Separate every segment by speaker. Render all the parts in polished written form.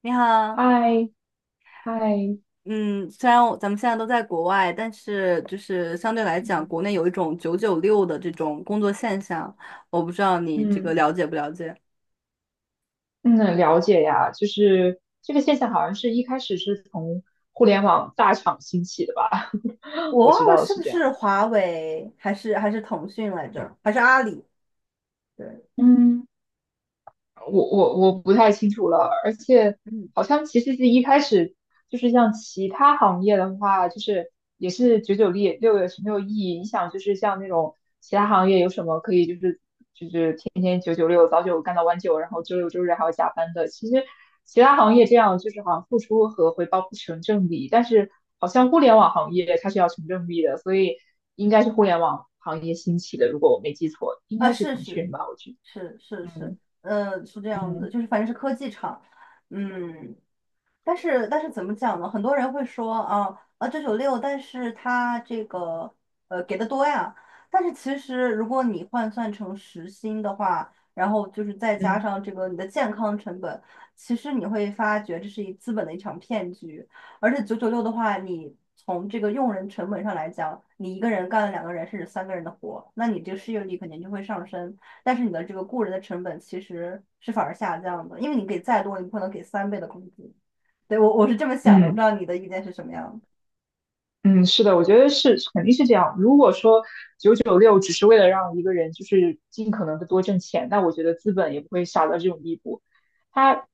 Speaker 1: 你好，
Speaker 2: 嗨嗨，
Speaker 1: 嗯，虽然咱们现在都在国外，但是就是相对来讲，
Speaker 2: 嗯
Speaker 1: 国内有一种九九六的这种工作现象，我不知道你这个
Speaker 2: 嗯，
Speaker 1: 了解不了解。
Speaker 2: 嗯，了解呀，就是这个现象好像是一开始是从互联网大厂兴起的吧，
Speaker 1: 我
Speaker 2: 我
Speaker 1: 忘
Speaker 2: 知
Speaker 1: 了
Speaker 2: 道
Speaker 1: 是
Speaker 2: 是
Speaker 1: 不
Speaker 2: 这样
Speaker 1: 是
Speaker 2: 的。
Speaker 1: 华为还是腾讯来着，还是阿里？对，
Speaker 2: 嗯，我不太清楚了，而且
Speaker 1: 嗯，
Speaker 2: 好像其实是一开始就是像其他行业的话，就是也是九九六六月是没有意义？你想就是像那种其他行业有什么可以就是天天九九六，早九干到晚九，然后周六周日还要加班的。其实其他行业这样就是好像付出和回报不成正比，但是好像互联网行业它是要成正比的，所以应该是互联网行业兴起的，如果我没记错，应
Speaker 1: 啊，
Speaker 2: 该是
Speaker 1: 是
Speaker 2: 腾
Speaker 1: 是
Speaker 2: 讯吧，我觉得。
Speaker 1: 是是是，
Speaker 2: 嗯
Speaker 1: 是这样的，
Speaker 2: 嗯
Speaker 1: 就是反正是科技厂，嗯，但是怎么讲呢？很多人会说啊啊九九六，九九六但是他这个给的多呀。但是其实如果你换算成时薪的话，然后就是再加
Speaker 2: 嗯
Speaker 1: 上这个你的健康成本，其实你会发觉这是一资本的一场骗局。而且九九六的话，你从这个用人成本上来讲，你一个人干了两个人甚至三个人的活，那你这个失业率肯定就会上升。但是你的这个雇人的成本其实是反而下降的，因为你给再多，你不可能给三倍的工资。对，我是这么想的，我不知
Speaker 2: 嗯。
Speaker 1: 道你的意见是什么样的。
Speaker 2: 嗯，是的，我觉得是肯定是这样。如果说九九六只是为了让一个人就是尽可能的多挣钱，那我觉得资本也不会傻到这种地步。他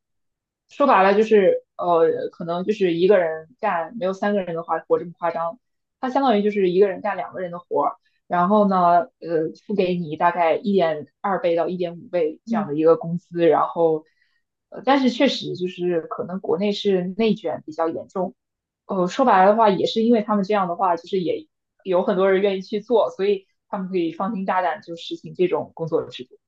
Speaker 2: 说白了就是可能就是一个人干没有三个人的话活这么夸张。他相当于就是一个人干两个人的活儿，然后呢，付给你大概1.2倍到1.5倍这
Speaker 1: 嗯，
Speaker 2: 样的一个工资，然后但是确实就是可能国内是内卷比较严重。说白了的话，也是因为他们这样的话，就是也有很多人愿意去做，所以他们可以放心大胆就实行这种工作制度。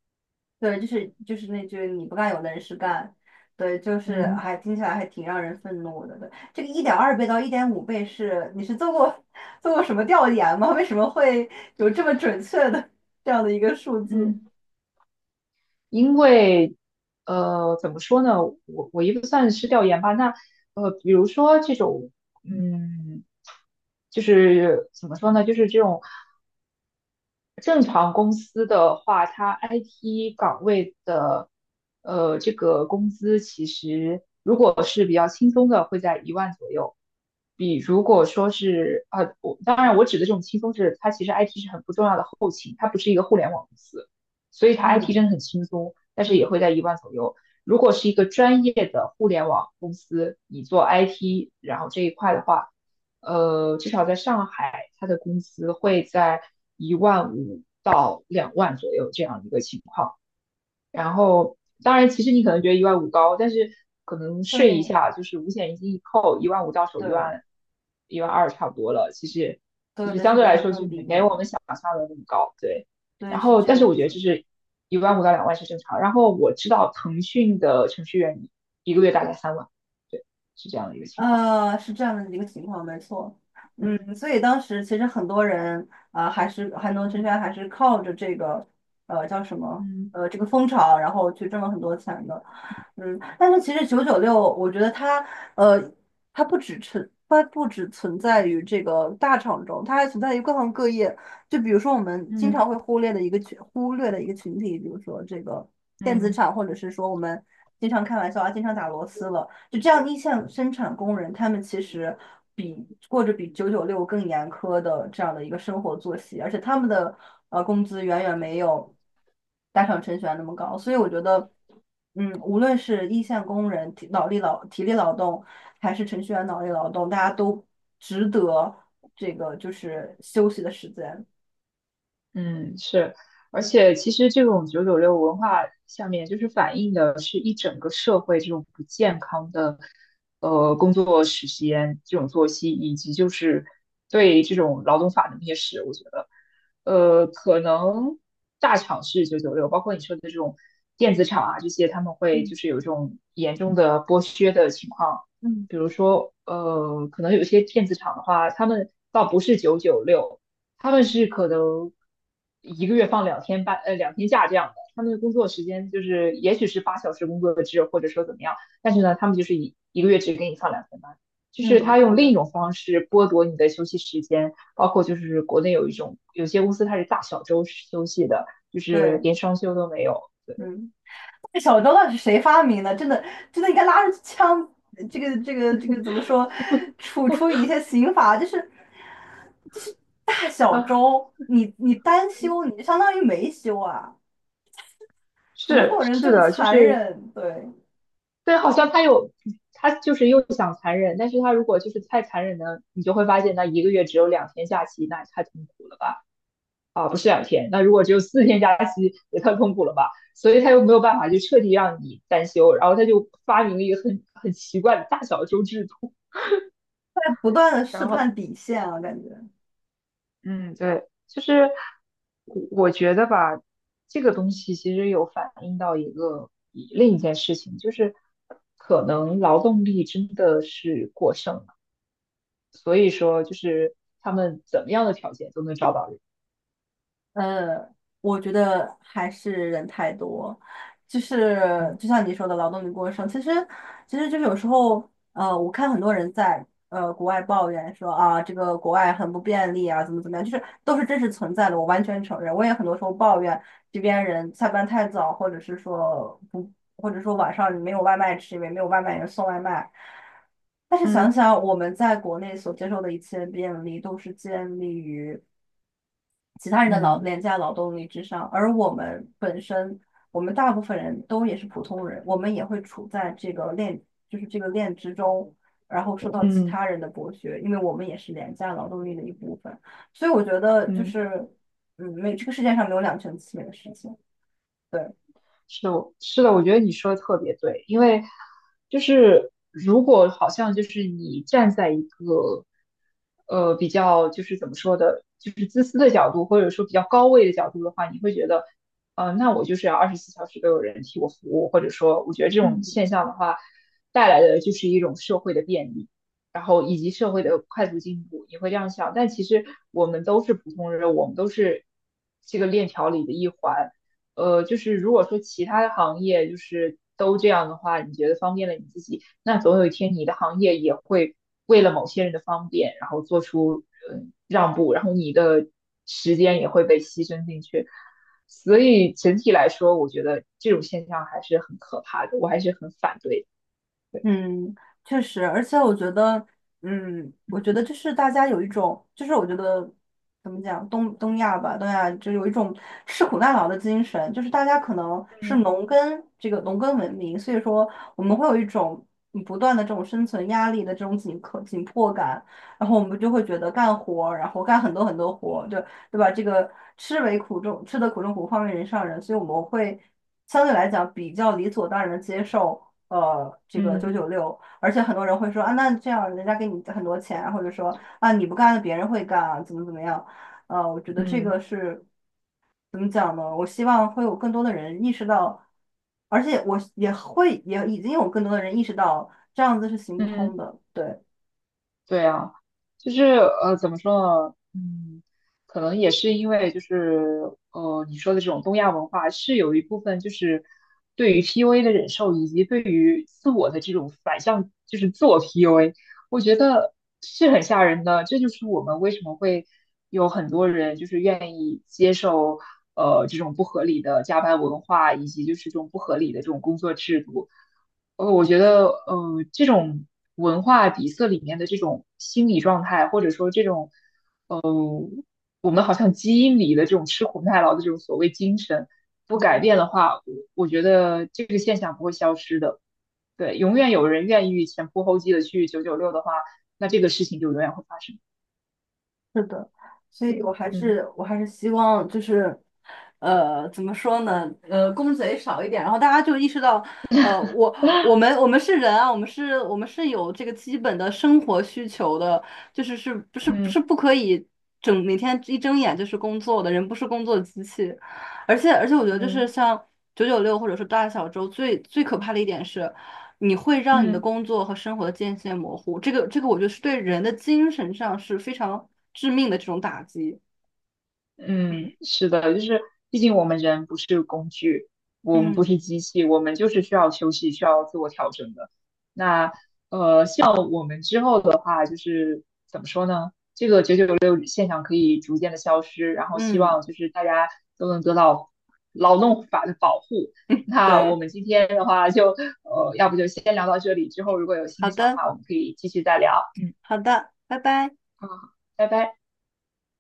Speaker 1: 对，就是那句你不干有的人是干，对，就是
Speaker 2: 嗯
Speaker 1: 还听起来还挺让人愤怒的。对，这个1.2倍到1.5倍是你是做过 做过什么调研吗？为什么会有这么准确的这样的一个数字？
Speaker 2: 嗯，因为怎么说呢，我也不算是调研吧，那比如说这种，嗯，就是怎么说呢，就是这种。正常公司的话，它 IT 岗位的这个工资其实如果是比较轻松的，会在一万左右。比如果说是我当然我指的这种轻松是，它其实 IT 是很不重要的后勤，它不是一个互联网公司，所以它 IT 真
Speaker 1: 嗯
Speaker 2: 的很轻松，但是也
Speaker 1: 嗯，
Speaker 2: 会在一万左右。如果是一个专业的互联网公司，你做 IT，然后这一块的话，至少在上海，他的工资会在一万五到两万左右这样一个情况。然后，当然，其实你可能觉得一万五高，但是可能税一
Speaker 1: 对
Speaker 2: 下，就是五险一金一扣，一万五到手一万
Speaker 1: 对
Speaker 2: 1万2差不多了。其实，其
Speaker 1: 对
Speaker 2: 实
Speaker 1: 对，
Speaker 2: 相
Speaker 1: 甚
Speaker 2: 对
Speaker 1: 至
Speaker 2: 来
Speaker 1: 会
Speaker 2: 说就
Speaker 1: 更低
Speaker 2: 没
Speaker 1: 一
Speaker 2: 没我
Speaker 1: 点。
Speaker 2: 们想象的那么高，对。然
Speaker 1: 对，是
Speaker 2: 后，
Speaker 1: 这
Speaker 2: 但是
Speaker 1: 样
Speaker 2: 我觉得
Speaker 1: 子。
Speaker 2: 就是一万五到两万是正常。然后我知道腾讯的程序员一个月大概3万，对，是这样的一个情况。
Speaker 1: 呃，是这样的一个情况，没错。
Speaker 2: 嗯
Speaker 1: 所以当时其实很多人啊、还是还能真
Speaker 2: 嗯
Speaker 1: 正还是靠着这个叫什么
Speaker 2: 嗯
Speaker 1: 这个风潮，然后去挣了很多钱的。但是其实九九六，我觉得呃它不只存在于这个大厂中，它还存在于各行各业。就比如说我们经
Speaker 2: 嗯，
Speaker 1: 常会忽略的一个群体，比如说这个电子
Speaker 2: 嗯
Speaker 1: 厂，或者是说我们，经常开玩笑啊，经常打螺丝了。就这样，一线生产工人他们其实比过着比九九六更严苛的这样的一个生活作息，而且他们的工资远远没有大厂程序员那么高。所以我觉得，无论是一线工人体力劳动，还是程序员脑力劳动，大家都值得这个就是休息的时间。
Speaker 2: 嗯，是，而且其实这种九九六文化下面，就是反映的是一整个社会这种不健康的，工作时间、这种作息，以及就是对这种劳动法的蔑视。我觉得，可能大厂是九九六，包括你说的这种电子厂啊这些，他们会就是有这种严重的剥削的情况。比如说，可能有些电子厂的话，他们倒不是九九六。他们是可能一个月放两天半，两天假这样的。他们的工作时间就是，也许是8小时工作制，或者说怎么样，但是呢，他们就是一个月只给你放两天半，就是
Speaker 1: 嗯，
Speaker 2: 他
Speaker 1: 是
Speaker 2: 用另一
Speaker 1: 的，
Speaker 2: 种方式剥夺你的休息时间，包括就是国内有一种有些公司它是大小周休息的，就是
Speaker 1: 对，
Speaker 2: 连双休都没有。对，
Speaker 1: 嗯。这小周到底是谁发明的？真的，真的应该拉着枪，这个这个这个怎么说，处理一些刑法，就是就是大小
Speaker 2: 啊，
Speaker 1: 周，你单
Speaker 2: 嗯
Speaker 1: 休，你就相当于没休啊，怎么会
Speaker 2: 是
Speaker 1: 有人这
Speaker 2: 是
Speaker 1: 么
Speaker 2: 的，就
Speaker 1: 残
Speaker 2: 是
Speaker 1: 忍？对，
Speaker 2: 对，好像他有，他就是又想残忍，但是他如果就是太残忍呢，你就会发现那一个月只有两天假期，那也太痛苦了吧？啊，不是两天，那如果只有4天假期，也太痛苦了吧？所以他又没有办法就彻底让你单休，然后他就发明了一个很奇怪的大小周制度，
Speaker 1: 在不断的试
Speaker 2: 然后，
Speaker 1: 探底线啊，感觉。
Speaker 2: 嗯，对，就是我觉得吧，这个东西其实有反映到一个另一件事情，就是可能劳动力真的是过剩。所以说就是他们怎么样的条件都能找到人。
Speaker 1: 呃，我觉得还是人太多，就是
Speaker 2: 嗯
Speaker 1: 就像你说的劳动力过剩，其实就是有时候，我看很多人在国外抱怨说啊，这个国外很不便利啊，怎么怎么样，就是都是真实存在的，我完全承认，我也很多时候抱怨这边人下班太早，或者是说不，或者说晚上没有外卖吃，因为没有外卖人送外卖。但是想
Speaker 2: 嗯
Speaker 1: 想我们在国内所接受的一切便利，都是建立于其他人的
Speaker 2: 嗯
Speaker 1: 廉价劳动力之上，而我们本身，我们大部分人都也是普通人，我们也会处在这个链，就是这个链之中，然后受到其
Speaker 2: 嗯
Speaker 1: 他人的剥削，因为我们也是廉价劳动力的一部分，所以我觉得就
Speaker 2: 嗯。
Speaker 1: 是，嗯，没这个世界上没有两全其美的事情，对。
Speaker 2: 是的，我觉得你说的特别对，因为就是如果好像就是你站在一个比较就是怎么说的，就是自私的角度，或者说比较高位的角度的话，你会觉得，那我就是要24小时都有人替我服务，或者说，我觉得这种
Speaker 1: 嗯。
Speaker 2: 现象的话，带来的就是一种社会的便利，然后以及社会的快速进步，你会这样想，但其实我们都是普通人，我们都是这个链条里的一环。就是如果说其他的行业就是都这样的话，你觉得方便了你自己，那总有一天你的行业也会为了某些人的方便，然后做出让步，然后你的时间也会被牺牲进去。所以整体来说，我觉得这种现象还是很可怕的，我还是很反对
Speaker 1: 嗯，确实，而且我觉得就是大家有一种，就是我觉得怎么讲，东亚吧，东亚就有一种吃苦耐劳的精神，就是大家可能
Speaker 2: 的。
Speaker 1: 是
Speaker 2: 嗯
Speaker 1: 农耕文明，所以说我们会有一种不断的这种生存压力的这种紧迫感，然后我们就会觉得干活儿然后干很多很多活就对对吧？这个吃得苦中苦，方为人上人，所以我们会相对来讲比较理所当然的接受。这个九
Speaker 2: 嗯
Speaker 1: 九六，而且很多人会说啊，那这样人家给你很多钱，或者说啊你不干了，别人会干，啊，怎么怎么样？我觉得这
Speaker 2: 嗯
Speaker 1: 个是怎么讲呢？我希望会有更多的人意识到，而且我也已经有更多的人意识到这样子是行不通
Speaker 2: 嗯。
Speaker 1: 的，对，
Speaker 2: 对啊，就是怎么说呢？嗯，可能也是因为就是你说的这种东亚文化是有一部分就是对于 PUA 的忍受，以及对于自我的这种反向，就是自我 PUA，我觉得是很吓人的。这就是我们为什么会有很多人就是愿意接受这种不合理的加班文化，以及就是这种不合理的这种工作制度。我觉得，这种文化底色里面的这种心理状态，或者说这种我们好像基因里的这种吃苦耐劳的这种所谓精神，不改变的话，我觉得这个现象不会消失的。对，永远有人愿意前仆后继的去九九六的话，那这个事情就永远会发生。
Speaker 1: 是的，所以我还
Speaker 2: 嗯
Speaker 1: 是我还是希望就是。怎么说呢？公贼少一点，然后大家就意识到，呃，我我们是人啊，我们是有这个基本的生活需求的，就是是不是
Speaker 2: 嗯
Speaker 1: 是不可以整每天一睁眼就是工作的，人不是工作机器，而且我觉得就是
Speaker 2: 嗯
Speaker 1: 像九九六或者是大小周最最可怕的一点是，你会让你的
Speaker 2: 嗯。
Speaker 1: 工作和生活的界限模糊，这个我觉得是对人的精神上是非常致命的这种打击。
Speaker 2: 嗯，是的，就是毕竟我们人不是工具，我们不
Speaker 1: 嗯
Speaker 2: 是机器，我们就是需要休息，需要自我调整的。那像我们之后的话，就是怎么说呢？九六现象可以逐渐的消失，然后希
Speaker 1: 嗯，
Speaker 2: 望就是大家都能得到劳动法的保护。那我
Speaker 1: 对，
Speaker 2: 们今天的话就要不就先聊到这里，之后如果有新
Speaker 1: 好
Speaker 2: 的想
Speaker 1: 的。
Speaker 2: 法，我们可以继续再聊。嗯，
Speaker 1: 好的，拜拜。
Speaker 2: 好，拜拜。